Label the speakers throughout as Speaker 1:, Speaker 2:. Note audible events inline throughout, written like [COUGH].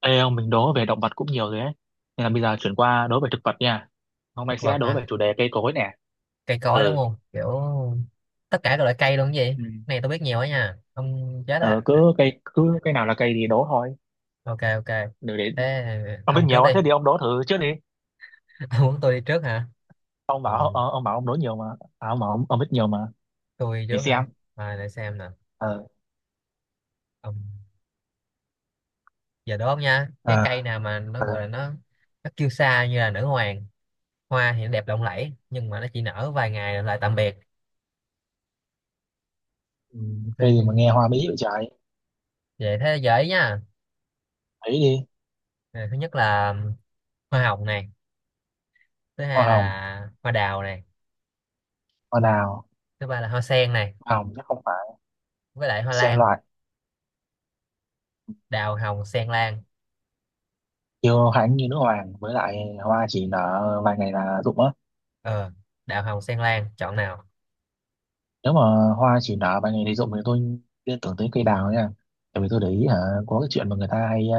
Speaker 1: Ê ông, mình đố về động vật cũng nhiều rồi ấy. Nên là bây giờ chuyển qua đố về thực vật nha. Hôm
Speaker 2: Thực
Speaker 1: nay sẽ
Speaker 2: vật
Speaker 1: đố về
Speaker 2: hả?
Speaker 1: chủ đề cây cối nè.
Speaker 2: Cây cối đúng
Speaker 1: Ừ.
Speaker 2: không? Kiểu tất cả các loại cây luôn, cái gì
Speaker 1: Ừ.
Speaker 2: này tôi biết nhiều á nha, ông chết
Speaker 1: Ờ,
Speaker 2: à.
Speaker 1: cứ cái nào là cây thì đố thôi.
Speaker 2: OK, OK.
Speaker 1: Để.
Speaker 2: Thế...
Speaker 1: Ông biết
Speaker 2: ông trước
Speaker 1: nhiều á,
Speaker 2: đi.
Speaker 1: thế thì ông đố thử trước đi.
Speaker 2: [LAUGHS] Ông muốn tôi đi trước hả?
Speaker 1: Ông
Speaker 2: Ừ,
Speaker 1: bảo ờ, ông bảo ông đố nhiều mà. À, ông bảo ông biết nhiều mà.
Speaker 2: tôi đi
Speaker 1: Để
Speaker 2: trước hả?
Speaker 1: xem.
Speaker 2: Để xem nè.
Speaker 1: Ờ.
Speaker 2: Ông... giờ đố ông nha, cái
Speaker 1: À,
Speaker 2: cây nào mà nó
Speaker 1: à.
Speaker 2: gọi là nó kêu xa như là nữ hoàng, hoa thì nó đẹp lộng lẫy nhưng mà nó chỉ nở vài ngày rồi lại tạm biệt.
Speaker 1: Ừ, cây gì mà nghe
Speaker 2: Tôi-
Speaker 1: hoa bí vậy trời.
Speaker 2: Vậy thế dễ nha.
Speaker 1: Thấy đi.
Speaker 2: Thứ nhất là hoa hồng này, thứ
Speaker 1: Hoa
Speaker 2: hai
Speaker 1: hồng,
Speaker 2: là hoa đào này,
Speaker 1: hoa đào,
Speaker 2: thứ ba là hoa sen này,
Speaker 1: hoa hồng chắc không phải.
Speaker 2: với lại hoa
Speaker 1: Sen
Speaker 2: lan.
Speaker 1: loại,
Speaker 2: Đào, hồng, sen, lan.
Speaker 1: kiêu hãnh như nữ hoàng với lại hoa chỉ nở vài ngày là rụng á.
Speaker 2: ờ Đào, hồng, sen, lan, chọn nào?
Speaker 1: Nếu mà hoa chỉ nở ban ngày thì rụng thì tôi liên tưởng tới cây đào nha. Tại vì tôi để ý hả, có cái chuyện mà người ta hay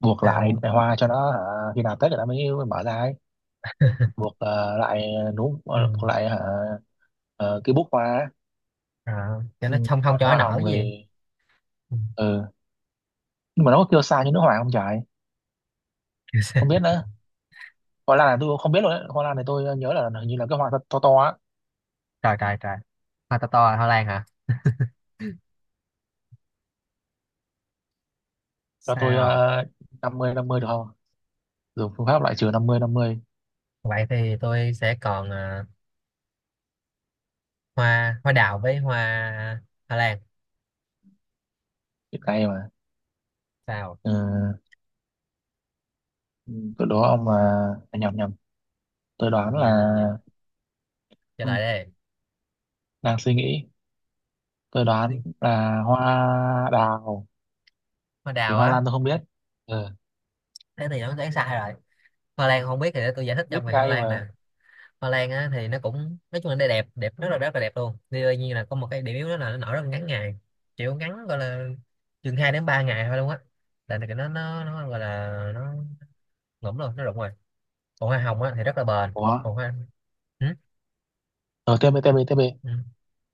Speaker 1: buộc lại
Speaker 2: Sao?
Speaker 1: hoa cho nó hả, khi nào Tết người ta mới mở ra ấy,
Speaker 2: [LAUGHS]
Speaker 1: buộc lại núm,
Speaker 2: Ừ.
Speaker 1: buộc lại hả, cái búp hoa ấy.
Speaker 2: Rồi, cho
Speaker 1: Ừ.
Speaker 2: nó không, không
Speaker 1: Còn
Speaker 2: cho
Speaker 1: hoa
Speaker 2: nó nở
Speaker 1: hồng
Speaker 2: gì.
Speaker 1: thì
Speaker 2: Ừ.
Speaker 1: ừ. Nhưng mà nó có kêu xa như nước hoàng không trời?
Speaker 2: [LAUGHS] Kiểu sao?
Speaker 1: Không biết nữa. Hoa lan này tôi cũng không biết luôn đấy. Hoa lan này tôi nhớ là hình như là cái hoa to to, to á.
Speaker 2: Trời, trời, trời. Hoa to to là hoa lan hả?
Speaker 1: Cho tôi
Speaker 2: Sao?
Speaker 1: uh, 50-50 được không? Dùng phương pháp loại trừ 50-50.
Speaker 2: Vậy thì tôi sẽ còn hoa hoa đào với hoa, hoa lan.
Speaker 1: Hiện nay mà.
Speaker 2: Sao?
Speaker 1: Ừ. Ừ. Đó ông mà. Nhầm nhầm, tôi
Speaker 2: Gì
Speaker 1: đoán là,
Speaker 2: gì gì gì? Trả
Speaker 1: ừ,
Speaker 2: lời đây.
Speaker 1: đang suy nghĩ. Tôi đoán
Speaker 2: Suy-
Speaker 1: là hoa đào.
Speaker 2: Hoa
Speaker 1: Thì
Speaker 2: đào
Speaker 1: hoa
Speaker 2: á?
Speaker 1: lan tôi không biết. Ừ,
Speaker 2: Thế thì nó đoán sai rồi. Hoa lan không biết thì để tôi giải thích cho
Speaker 1: biết
Speaker 2: mày, hoa
Speaker 1: ngay
Speaker 2: lan nè.
Speaker 1: mà.
Speaker 2: Hoa Lan á thì nó cũng nói chung là nó đẹp đẹp rất là đẹp luôn. Tuy nhiên là có một cái điểm yếu đó là nó nở rất là ngắn ngày, kiểu ngắn gọi là chừng 2 đến 3 ngày thôi luôn á, là cái nó gọi là nó ngủm luôn, nó rụng rồi. Còn hoa hồng á thì rất là bền.
Speaker 1: Ủa,
Speaker 2: Còn hoa... ừ?
Speaker 1: ờ tiếp đi tiếp đi tiếp đi.
Speaker 2: Ừ.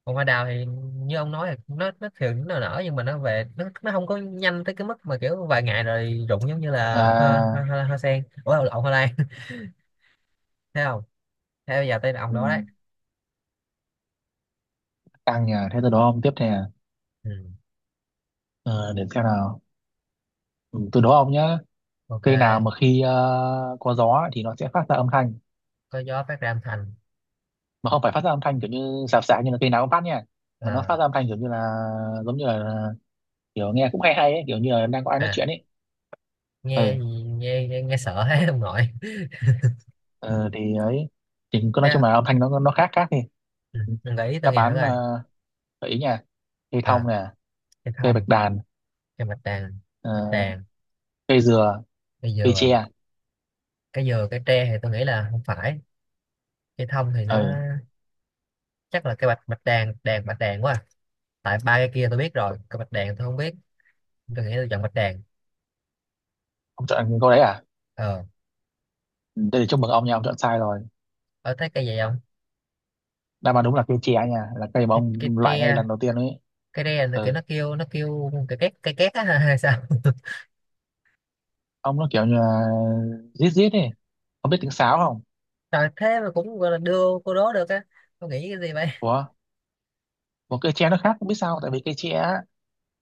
Speaker 2: Còn hoa đào thì như ông nói thì nó thường nó nở nhưng mà nó về nó không có nhanh tới cái mức mà kiểu vài ngày rồi rụng, giống như là hoa hoa,
Speaker 1: À.
Speaker 2: hoa, hoa sen, ủa lộn hoa lan. [LAUGHS] Thấy không? Thế bây giờ tới ông
Speaker 1: Ừ,
Speaker 2: đó đấy.
Speaker 1: tăng nhà thế tôi đố ông tiếp nè.
Speaker 2: Ừ.
Speaker 1: Ờ, để xem nào. Ừ, tôi đố ông nhá.
Speaker 2: OK.
Speaker 1: Cây nào mà khi có gió thì nó sẽ phát ra âm thanh,
Speaker 2: Có gió phát ra âm thanh?
Speaker 1: mà không phải phát ra âm thanh kiểu như sạp sạp như là cây nào cũng phát nha, mà nó
Speaker 2: Ờ.
Speaker 1: phát ra âm thanh kiểu như là, giống như là, kiểu nghe cũng hay hay ấy, kiểu như là đang có ai nói
Speaker 2: À...
Speaker 1: chuyện ấy.
Speaker 2: nghe
Speaker 1: Ừ,
Speaker 2: gì? Nghe nghe, nghe sợ [LAUGHS] hết ông nội [LAUGHS]
Speaker 1: ờ, thì ấy, thì cứ nói
Speaker 2: thế
Speaker 1: chung
Speaker 2: không?
Speaker 1: là âm thanh nó khác khác đi.
Speaker 2: Ừ, mình gợi ý tôi
Speaker 1: Đáp
Speaker 2: nghe thử
Speaker 1: án,
Speaker 2: coi.
Speaker 1: gợi ý nha. Cây thông
Speaker 2: à,
Speaker 1: nè,
Speaker 2: cái
Speaker 1: cây bạch
Speaker 2: thông...
Speaker 1: đàn,
Speaker 2: cái bạch đàn... bạch
Speaker 1: ờ,
Speaker 2: đàn...
Speaker 1: cây dừa,
Speaker 2: cái
Speaker 1: cây
Speaker 2: dừa...
Speaker 1: tre.
Speaker 2: Cái dừa cái tre thì tôi nghĩ là không phải. Cái thông thì nó...
Speaker 1: Ừ.
Speaker 2: chắc là cái bạch bạch đàn đàn bạch đàn quá à. Tại ba cái kia tôi biết rồi, cái bạch đàn tôi không biết. Tôi nghĩ tôi chọn bạch đàn.
Speaker 1: Ông chọn câu đấy à?
Speaker 2: Ờ.
Speaker 1: Ừ, đây là chúc mừng ông nha, ông chọn sai rồi.
Speaker 2: Ở thấy cây gì không?
Speaker 1: Đáp án đúng là cây tre nha, là cây mà
Speaker 2: Cái
Speaker 1: ông loại ngay
Speaker 2: tre.
Speaker 1: lần đầu tiên ấy.
Speaker 2: Cái tre là kiểu
Speaker 1: Ừ.
Speaker 2: nó kêu cái két á [LAUGHS] hay sao?
Speaker 1: Ông, nó kiểu như là rít rít ấy. Ông biết tiếng sáo không?
Speaker 2: Trời, thế mà cũng gọi là đưa cô đố được á. Tôi nghĩ cái gì vậy?
Speaker 1: Của một cây tre nó khác, không biết sao, tại vì cây tre á,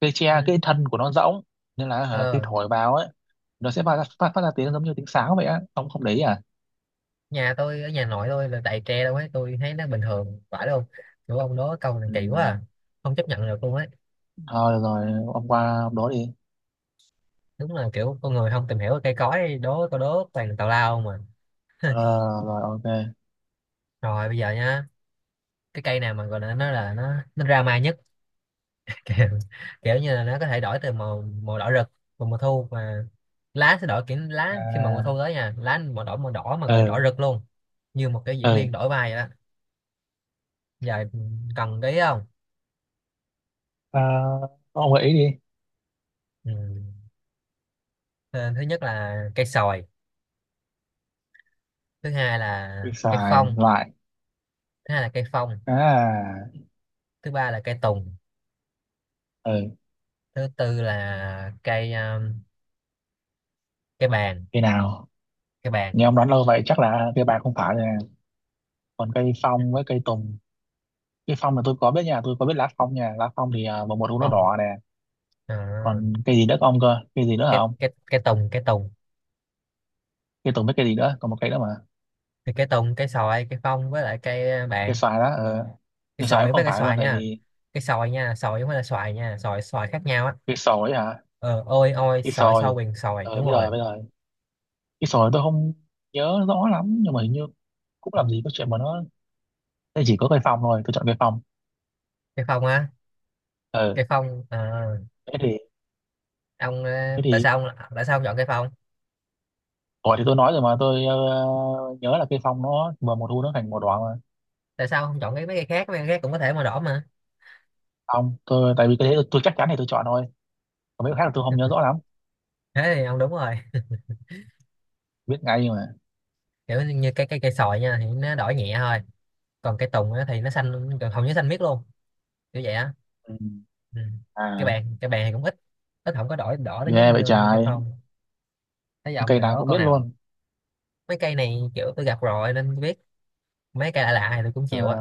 Speaker 1: cây
Speaker 2: Ừ.
Speaker 1: tre cái thân của nó rỗng. Nên là khi
Speaker 2: Ờ,
Speaker 1: thổi vào ấy, nó sẽ phát ra tiếng giống như tiếng sáo vậy á, ông không để ý à?
Speaker 2: nhà tôi, ở nhà nội tôi là đầy tre đâu ấy, tôi thấy nó bình thường phải đâu. Kiểu ông đố câu này
Speaker 1: Ừ.
Speaker 2: kỳ quá à. Không chấp nhận được luôn ấy.
Speaker 1: Thôi được rồi, ông qua ông đó đi.
Speaker 2: Đúng là kiểu con người không tìm hiểu cây cối, đố câu đố toàn là tào lao không mà.
Speaker 1: Ờ, rồi. Ok.
Speaker 2: Rồi bây giờ nha, cái cây nào mà gọi là nó, là nó drama nhất. [LAUGHS] Kiểu, kiểu như là nó có thể đổi từ màu màu đỏ rực vào mùa thu mà lá sẽ đổi kiểu, lá khi mà mùa thu
Speaker 1: À,
Speaker 2: tới nha, lá màu đỏ, màu đỏ mà gọi là đỏ
Speaker 1: ừ,
Speaker 2: rực luôn, như một cái diễn viên
Speaker 1: ừ,
Speaker 2: đổi vai vậy đó. Giờ cần cái ý không?
Speaker 1: à, ông gợi ý đi.
Speaker 2: Ừ. Ờ, Thứ nhất là cây sồi, thứ hai
Speaker 1: Đi
Speaker 2: là cây
Speaker 1: xài
Speaker 2: phong,
Speaker 1: loại.
Speaker 2: thứ hai là cây phong,
Speaker 1: À,
Speaker 2: thứ ba là cây tùng,
Speaker 1: ừ,
Speaker 2: thứ tư là cây cây bàng.
Speaker 1: cây nào?
Speaker 2: Cây bàng.
Speaker 1: Nhưng ông đoán lâu vậy chắc là cây bạc không phải nè. Còn cây phong với cây tùng, cây phong là tôi có biết nha, tôi có biết lá phong nha, lá phong thì mùa một nó
Speaker 2: Phong...
Speaker 1: đỏ nè.
Speaker 2: Ờ,
Speaker 1: Còn cây gì nữa có ông cơ, cây gì nữa hả
Speaker 2: cây
Speaker 1: ông?
Speaker 2: cây cây tùng cây tùng
Speaker 1: Cây tùng với cây gì nữa? Còn một cây nữa mà.
Speaker 2: Thì cây tùng, cây xoài, cây phong với lại cây
Speaker 1: À, cây
Speaker 2: bàng.
Speaker 1: xoài đó à,
Speaker 2: Cây
Speaker 1: cây xoài
Speaker 2: xoài
Speaker 1: cũng
Speaker 2: với
Speaker 1: không
Speaker 2: cây
Speaker 1: phải luôn,
Speaker 2: xoài
Speaker 1: tại
Speaker 2: nha.
Speaker 1: vì
Speaker 2: Cây xoài nha, xoài không phải là xoài nha, xoài xoài khác nhau á.
Speaker 1: cây sồi ấy hả?
Speaker 2: Ờ, ôi ôi,
Speaker 1: Cây
Speaker 2: xoài xoài
Speaker 1: sồi.
Speaker 2: quyền xoài
Speaker 1: Ờ,
Speaker 2: đúng
Speaker 1: bây
Speaker 2: rồi.
Speaker 1: giờ cái sồi tôi không nhớ rõ lắm, nhưng mà hình như cũng làm gì có chuyện mà nó. Đây chỉ có cây phòng thôi, tôi chọn cây phòng.
Speaker 2: Cây phong á.
Speaker 1: Ừ.
Speaker 2: Cây phong
Speaker 1: thế thì
Speaker 2: ông
Speaker 1: thế
Speaker 2: tại
Speaker 1: thì
Speaker 2: sao ông... tại sao ông chọn cây phong?
Speaker 1: Ủa, thì tôi nói rồi mà tôi nhớ là cây phòng nó mà mùa thu nó thành màu đỏ mà.
Speaker 2: Tại sao ông không chọn cái mấy cây khác, mấy cây khác cũng có thể màu đỏ mà?
Speaker 1: Không, tôi tại vì cái đấy tôi chắc chắn thì tôi chọn thôi. Còn mấy cái khác là tôi không nhớ rõ lắm.
Speaker 2: Thế thì ông đúng rồi.
Speaker 1: Biết ngay mà.
Speaker 2: Kiểu như cái cây sồi nha thì nó đỏ nhẹ thôi. Còn cây tùng á thì nó xanh, hầu như xanh miết luôn. Kiểu vậy á.
Speaker 1: Ừ.
Speaker 2: Ừ. cái
Speaker 1: À.
Speaker 2: bàn cái bàn thì cũng ít, ít không có đổi đỏ đến nhất
Speaker 1: Ghê vậy
Speaker 2: như như cây
Speaker 1: trời.
Speaker 2: phong. Thấy ông
Speaker 1: Cây
Speaker 2: này
Speaker 1: nào
Speaker 2: đó
Speaker 1: cũng
Speaker 2: câu
Speaker 1: biết
Speaker 2: nào,
Speaker 1: luôn.
Speaker 2: mấy cây này kiểu tôi gặp rồi nên tôi biết. Mấy cây lạ lạ thì tôi cũng
Speaker 1: Ờ,
Speaker 2: chịu á.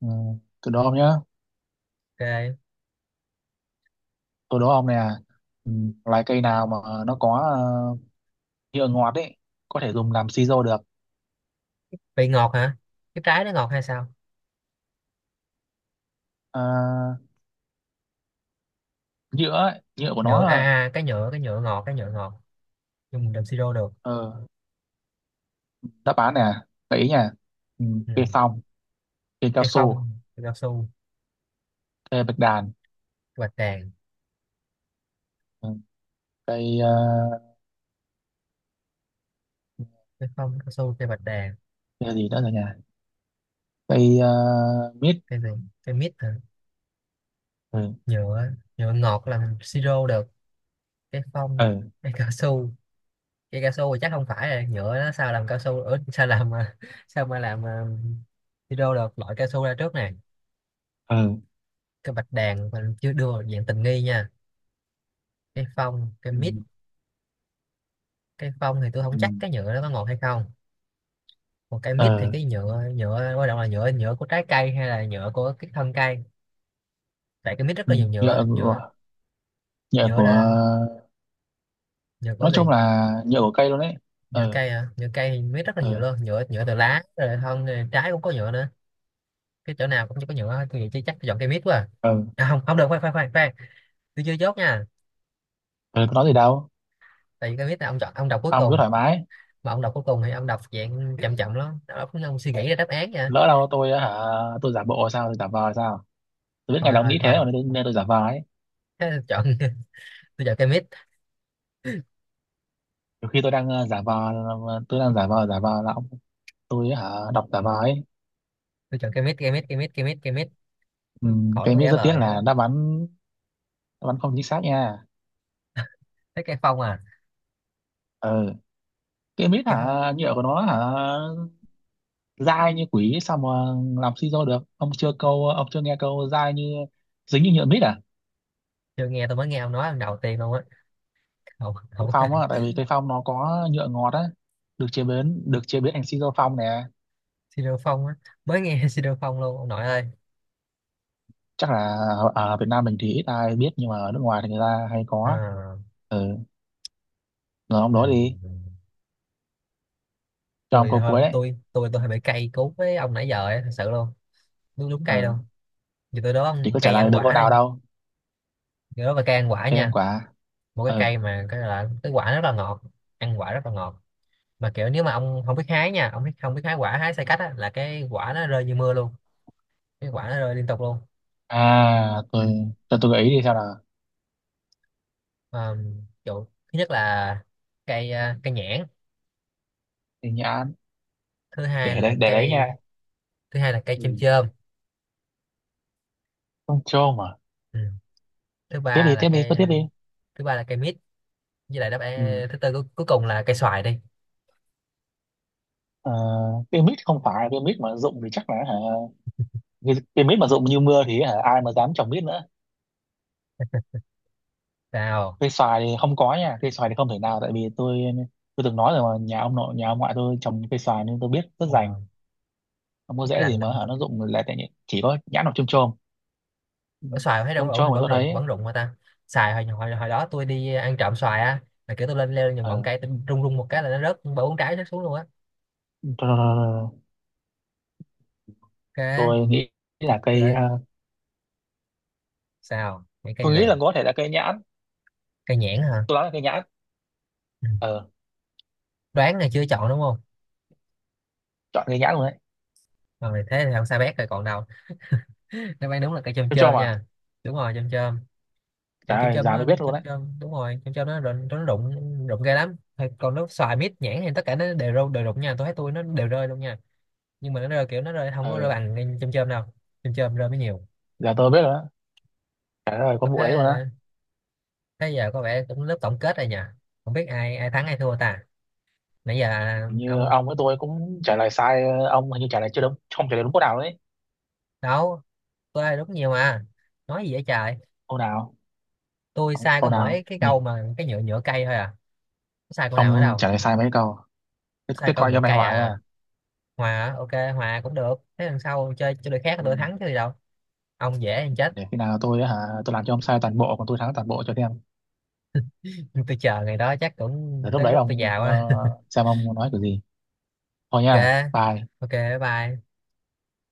Speaker 1: ừ, tôi đố ông nhá,
Speaker 2: OK.
Speaker 1: tôi đố ông nè. Ừ, loài cây nào mà nó có nhựa ngọt ấy, có thể dùng làm siro được?
Speaker 2: Vị ngọt hả? Cái trái nó ngọt hay sao?
Speaker 1: Ờ, nhựa ấy, nhựa của nó
Speaker 2: Nhựa a,
Speaker 1: là.
Speaker 2: cái nhựa, cái nhựa ngọt. Nhưng mình làm siro được.
Speaker 1: ờ, Đáp án nè, gợi ý nha. Ừ,
Speaker 2: Ừ.
Speaker 1: cây phong, cây cao
Speaker 2: Cây
Speaker 1: su,
Speaker 2: phong, cây cao su,
Speaker 1: cây bạch đàn.
Speaker 2: cây bạch đàn...
Speaker 1: Ừ, cây ờ,
Speaker 2: Cây phong, cao su, cây bạch đàn...
Speaker 1: cây gì nữa rồi nhỉ? cây ờ, Mít.
Speaker 2: Cây gì? Cây mít hả?
Speaker 1: Ừ,
Speaker 2: Nhựa... nhựa ngọt là mình siro được. Cái phong...
Speaker 1: ừ,
Speaker 2: cái cao su... Cái cao su thì chắc không phải rồi, nhựa nó sao làm cao su, ở sao làm [LAUGHS] sao mà làm hydro được, loại cao su ra trước này.
Speaker 1: ừ,
Speaker 2: Cái bạch đàn mình chưa đưa vào dạng tình nghi nha. Cái phong, cái
Speaker 1: ừ,
Speaker 2: mít. Cái phong thì tôi không
Speaker 1: ừ,
Speaker 2: chắc cái nhựa nó có ngọt hay không. Còn cái mít thì
Speaker 1: ừ,
Speaker 2: cái nhựa nhựa quan trọng là nhựa nhựa của trái cây hay là nhựa của cái thân cây? Tại cái mít rất
Speaker 1: ừ,
Speaker 2: là nhiều nhựa
Speaker 1: nhựa
Speaker 2: nhựa
Speaker 1: của nhựa
Speaker 2: Nhựa
Speaker 1: của
Speaker 2: là... nhựa của
Speaker 1: nói chung
Speaker 2: gì?
Speaker 1: là nhựa của cây luôn đấy.
Speaker 2: Nhựa
Speaker 1: Ừ,
Speaker 2: cây à? Nhựa cây thì mít rất là nhiều
Speaker 1: ừ,
Speaker 2: luôn, nhựa nhựa từ lá rồi thân rồi trái cũng có nhựa nữa. Cái chỗ nào cũng chỉ có nhựa hết. Tôi nghĩ chắc tôi chọn cây mít quá à.
Speaker 1: ừ,
Speaker 2: Không, không được, khoan khoan khoan khoan, tôi chưa chốt nha.
Speaker 1: ừ, có nói gì đâu.
Speaker 2: Tại vì cây mít là ông chọn, ông đọc cuối
Speaker 1: Ông cứ
Speaker 2: cùng,
Speaker 1: thoải mái.
Speaker 2: mà ông đọc cuối cùng thì ông đọc dạng chậm chậm lắm, ông suy nghĩ ra đáp án nha.
Speaker 1: Lỡ đâu tôi á hả, tôi giả bộ sao, tôi giả vờ sao? Tôi biết ngày
Speaker 2: Thôi
Speaker 1: đó ông
Speaker 2: thôi
Speaker 1: nghĩ thế
Speaker 2: thôi,
Speaker 1: mà, nên tôi giả vờ ấy.
Speaker 2: thế tôi chọn [LAUGHS] tôi chọn cây mít.
Speaker 1: Nhiều khi tôi đang giả vờ. Tôi đang giả vờ, giả vờ là ông. Tôi hả đọc giả vờ ấy.
Speaker 2: Tôi chọn cây mít, cây mít, cây mít, cây mít, cây mít.
Speaker 1: Ừ,
Speaker 2: Khỏi
Speaker 1: cái
Speaker 2: có
Speaker 1: mít
Speaker 2: giả
Speaker 1: rất tiếc
Speaker 2: vờ hết á.
Speaker 1: là đáp án không chính xác nha.
Speaker 2: Thế cây phong à?
Speaker 1: Ừ. Cái mít
Speaker 2: Cây phong.
Speaker 1: hả? Nhựa của nó hả? Dai như quỷ sao mà làm siro được? Ông chưa nghe câu dai như, dính như nhựa mít à?
Speaker 2: Chưa nghe, tôi mới nghe ông nói lần đầu tiên luôn á. Không,
Speaker 1: Cây
Speaker 2: không.
Speaker 1: phong á,
Speaker 2: [LAUGHS]
Speaker 1: tại vì cây phong nó có nhựa ngọt á, được chế biến thành siro phong nè.
Speaker 2: Siro phong á? Mới nghe [LAUGHS] siro phong luôn ông nội ơi.
Speaker 1: Chắc là ở ở Việt Nam mình thì ít ai biết, nhưng mà ở nước ngoài thì người ta hay có.
Speaker 2: à,
Speaker 1: Ừ, rồi ông
Speaker 2: ừ.
Speaker 1: đó đi, cho ông
Speaker 2: Tôi,
Speaker 1: câu
Speaker 2: thôi
Speaker 1: cuối đấy.
Speaker 2: tôi hơi bị cay cú với ông nãy giờ ấy, thật sự luôn. Đúng, đúng cay
Speaker 1: Ừ,
Speaker 2: luôn. Như tôi
Speaker 1: thì
Speaker 2: đoán
Speaker 1: có trả
Speaker 2: cây
Speaker 1: lời
Speaker 2: ăn
Speaker 1: được
Speaker 2: quả
Speaker 1: câu nào
Speaker 2: đây.
Speaker 1: đâu.
Speaker 2: Tôi đó là cây ăn quả
Speaker 1: Thế nên
Speaker 2: nha.
Speaker 1: quả.
Speaker 2: Một cái
Speaker 1: Ừ.
Speaker 2: cây mà cái là cái quả rất là ngọt, ăn quả rất là ngọt, mà kiểu nếu mà ông không biết hái nha, ông biết không biết hái quả, hái sai cách á là cái quả nó rơi như mưa luôn. Cái quả nó rơi liên tục luôn.
Speaker 1: À,
Speaker 2: Ừ.
Speaker 1: tôi cho tôi gợi ý đi sao nào.
Speaker 2: Mà, kiểu, thứ nhất là cây cây nhãn.
Speaker 1: Thì nhãn.
Speaker 2: Thứ hai
Speaker 1: Để
Speaker 2: là
Speaker 1: đấy để đấy
Speaker 2: cây...
Speaker 1: nha.
Speaker 2: thứ hai là cây chôm
Speaker 1: Ừ.
Speaker 2: chôm.
Speaker 1: Con trâu mà.
Speaker 2: Ừ. Thứ
Speaker 1: Tiếp
Speaker 2: ba
Speaker 1: đi
Speaker 2: là
Speaker 1: tiếp đi cứ
Speaker 2: cây...
Speaker 1: tiếp đi.
Speaker 2: thứ ba là cây mít. Với lại đáp
Speaker 1: Ừ.
Speaker 2: án thứ tư cuối cùng là cây xoài đi.
Speaker 1: Ờ, pyramid không phải cây mít mà rụng thì chắc là hả. Vì pyramid mà rụng như mưa thì hả ai mà dám trồng mít nữa.
Speaker 2: Sao?
Speaker 1: Cây xoài thì không có nha, cây xoài thì không thể nào, tại vì tôi từng nói rồi mà nhà ông nội, nhà ông ngoại tôi trồng cây xoài nên tôi biết rất rành.
Speaker 2: à,
Speaker 1: Không có
Speaker 2: Rất
Speaker 1: dễ
Speaker 2: rành
Speaker 1: gì mà
Speaker 2: luôn.
Speaker 1: hả nó rụng là tại. Chỉ có nhãn hoặc chôm chôm. Ừ,
Speaker 2: Ủa, xoài thấy đâu
Speaker 1: chôm
Speaker 2: vẫn
Speaker 1: chôm mà
Speaker 2: vẫn
Speaker 1: tôi
Speaker 2: rụng,
Speaker 1: thấy.
Speaker 2: vẫn rụng mà ta. Xoài hồi, hồi đó tôi đi ăn trộm xoài á, là kiểu tôi lên, leo lên những ngọn cây, tôi rung rung một cái là nó rớt ba bốn trái, rớt xuống luôn á.
Speaker 1: Ờ,
Speaker 2: OK.
Speaker 1: tôi nghĩ là
Speaker 2: Tôi lại... sao những cây
Speaker 1: tôi nghĩ là
Speaker 2: gì?
Speaker 1: có thể là cây nhãn.
Speaker 2: Cây nhãn hả?
Speaker 1: Tôi đoán là cây nhãn.
Speaker 2: Ừ.
Speaker 1: Ờ,
Speaker 2: Đoán là chưa, chọn đúng không?
Speaker 1: chọn cây nhãn luôn đấy.
Speaker 2: Mà mày thế thì không sao bét rồi còn đâu. [LAUGHS] Đáp án đúng là cây chôm
Speaker 1: Tôi cho
Speaker 2: chôm
Speaker 1: mà.
Speaker 2: nha. Đúng rồi, chôm chôm. Kiểu
Speaker 1: Trời
Speaker 2: chôm
Speaker 1: ơi,
Speaker 2: chôm
Speaker 1: già
Speaker 2: nó
Speaker 1: mới biết luôn
Speaker 2: chôm
Speaker 1: đấy.
Speaker 2: chôm đúng rồi, chôm chôm nó rụng, nó rụng rụng ghê lắm. Thôi, còn nếu xoài mít nhãn thì tất cả nó đều rơi đều rụng nha, tôi thấy tôi nó đều rơi luôn nha. Nhưng mà nó rơi kiểu nó rơi không có rơi
Speaker 1: Ờ,
Speaker 2: bằng cây chôm chôm đâu. Chôm chôm rơi mới nhiều.
Speaker 1: giờ tôi biết rồi đó. Trời ơi,
Speaker 2: Có
Speaker 1: con
Speaker 2: thế.
Speaker 1: vụ đấy luôn á.
Speaker 2: Thế giờ có vẻ cũng lớp tổng kết rồi nhỉ, không biết ai ai thắng ai thua ta nãy giờ.
Speaker 1: Hình như
Speaker 2: ông,
Speaker 1: ông với
Speaker 2: ông
Speaker 1: tôi cũng trả lời sai, ông hình như trả lời chưa đúng, không trả lời đúng câu nào đấy.
Speaker 2: đâu? Tôi đúng nhiều mà, nói gì vậy trời.
Speaker 1: Câu nào?
Speaker 2: Tôi
Speaker 1: Ông,
Speaker 2: sai có
Speaker 1: câu
Speaker 2: mỗi
Speaker 1: nào
Speaker 2: cái
Speaker 1: nhỉ?
Speaker 2: câu mà cái nhựa nhựa cây thôi à. Có sai câu nào ở
Speaker 1: Ông
Speaker 2: đâu?
Speaker 1: trả lời sai mấy câu? thế,
Speaker 2: Sai
Speaker 1: thế
Speaker 2: câu
Speaker 1: coi cho
Speaker 2: nhựa
Speaker 1: mày
Speaker 2: cây
Speaker 1: hoài nha.
Speaker 2: à? Hòa à? OK, hòa cũng được, thế lần sau chơi chơi đội khác là
Speaker 1: Ừ,
Speaker 2: tôi thắng chứ gì đâu. Ông dễ ăn chết.
Speaker 1: để khi nào tôi hả, tôi làm cho ông sai toàn bộ còn tôi thắng toàn bộ cho xem.
Speaker 2: [LAUGHS] Tôi chờ ngày đó chắc
Speaker 1: Để
Speaker 2: cũng
Speaker 1: lúc
Speaker 2: tới
Speaker 1: đấy
Speaker 2: lúc tôi
Speaker 1: ông
Speaker 2: già quá [LAUGHS]
Speaker 1: xem ông nói kiểu gì. Thôi
Speaker 2: OK.
Speaker 1: nha, bye.
Speaker 2: OK, bye bye.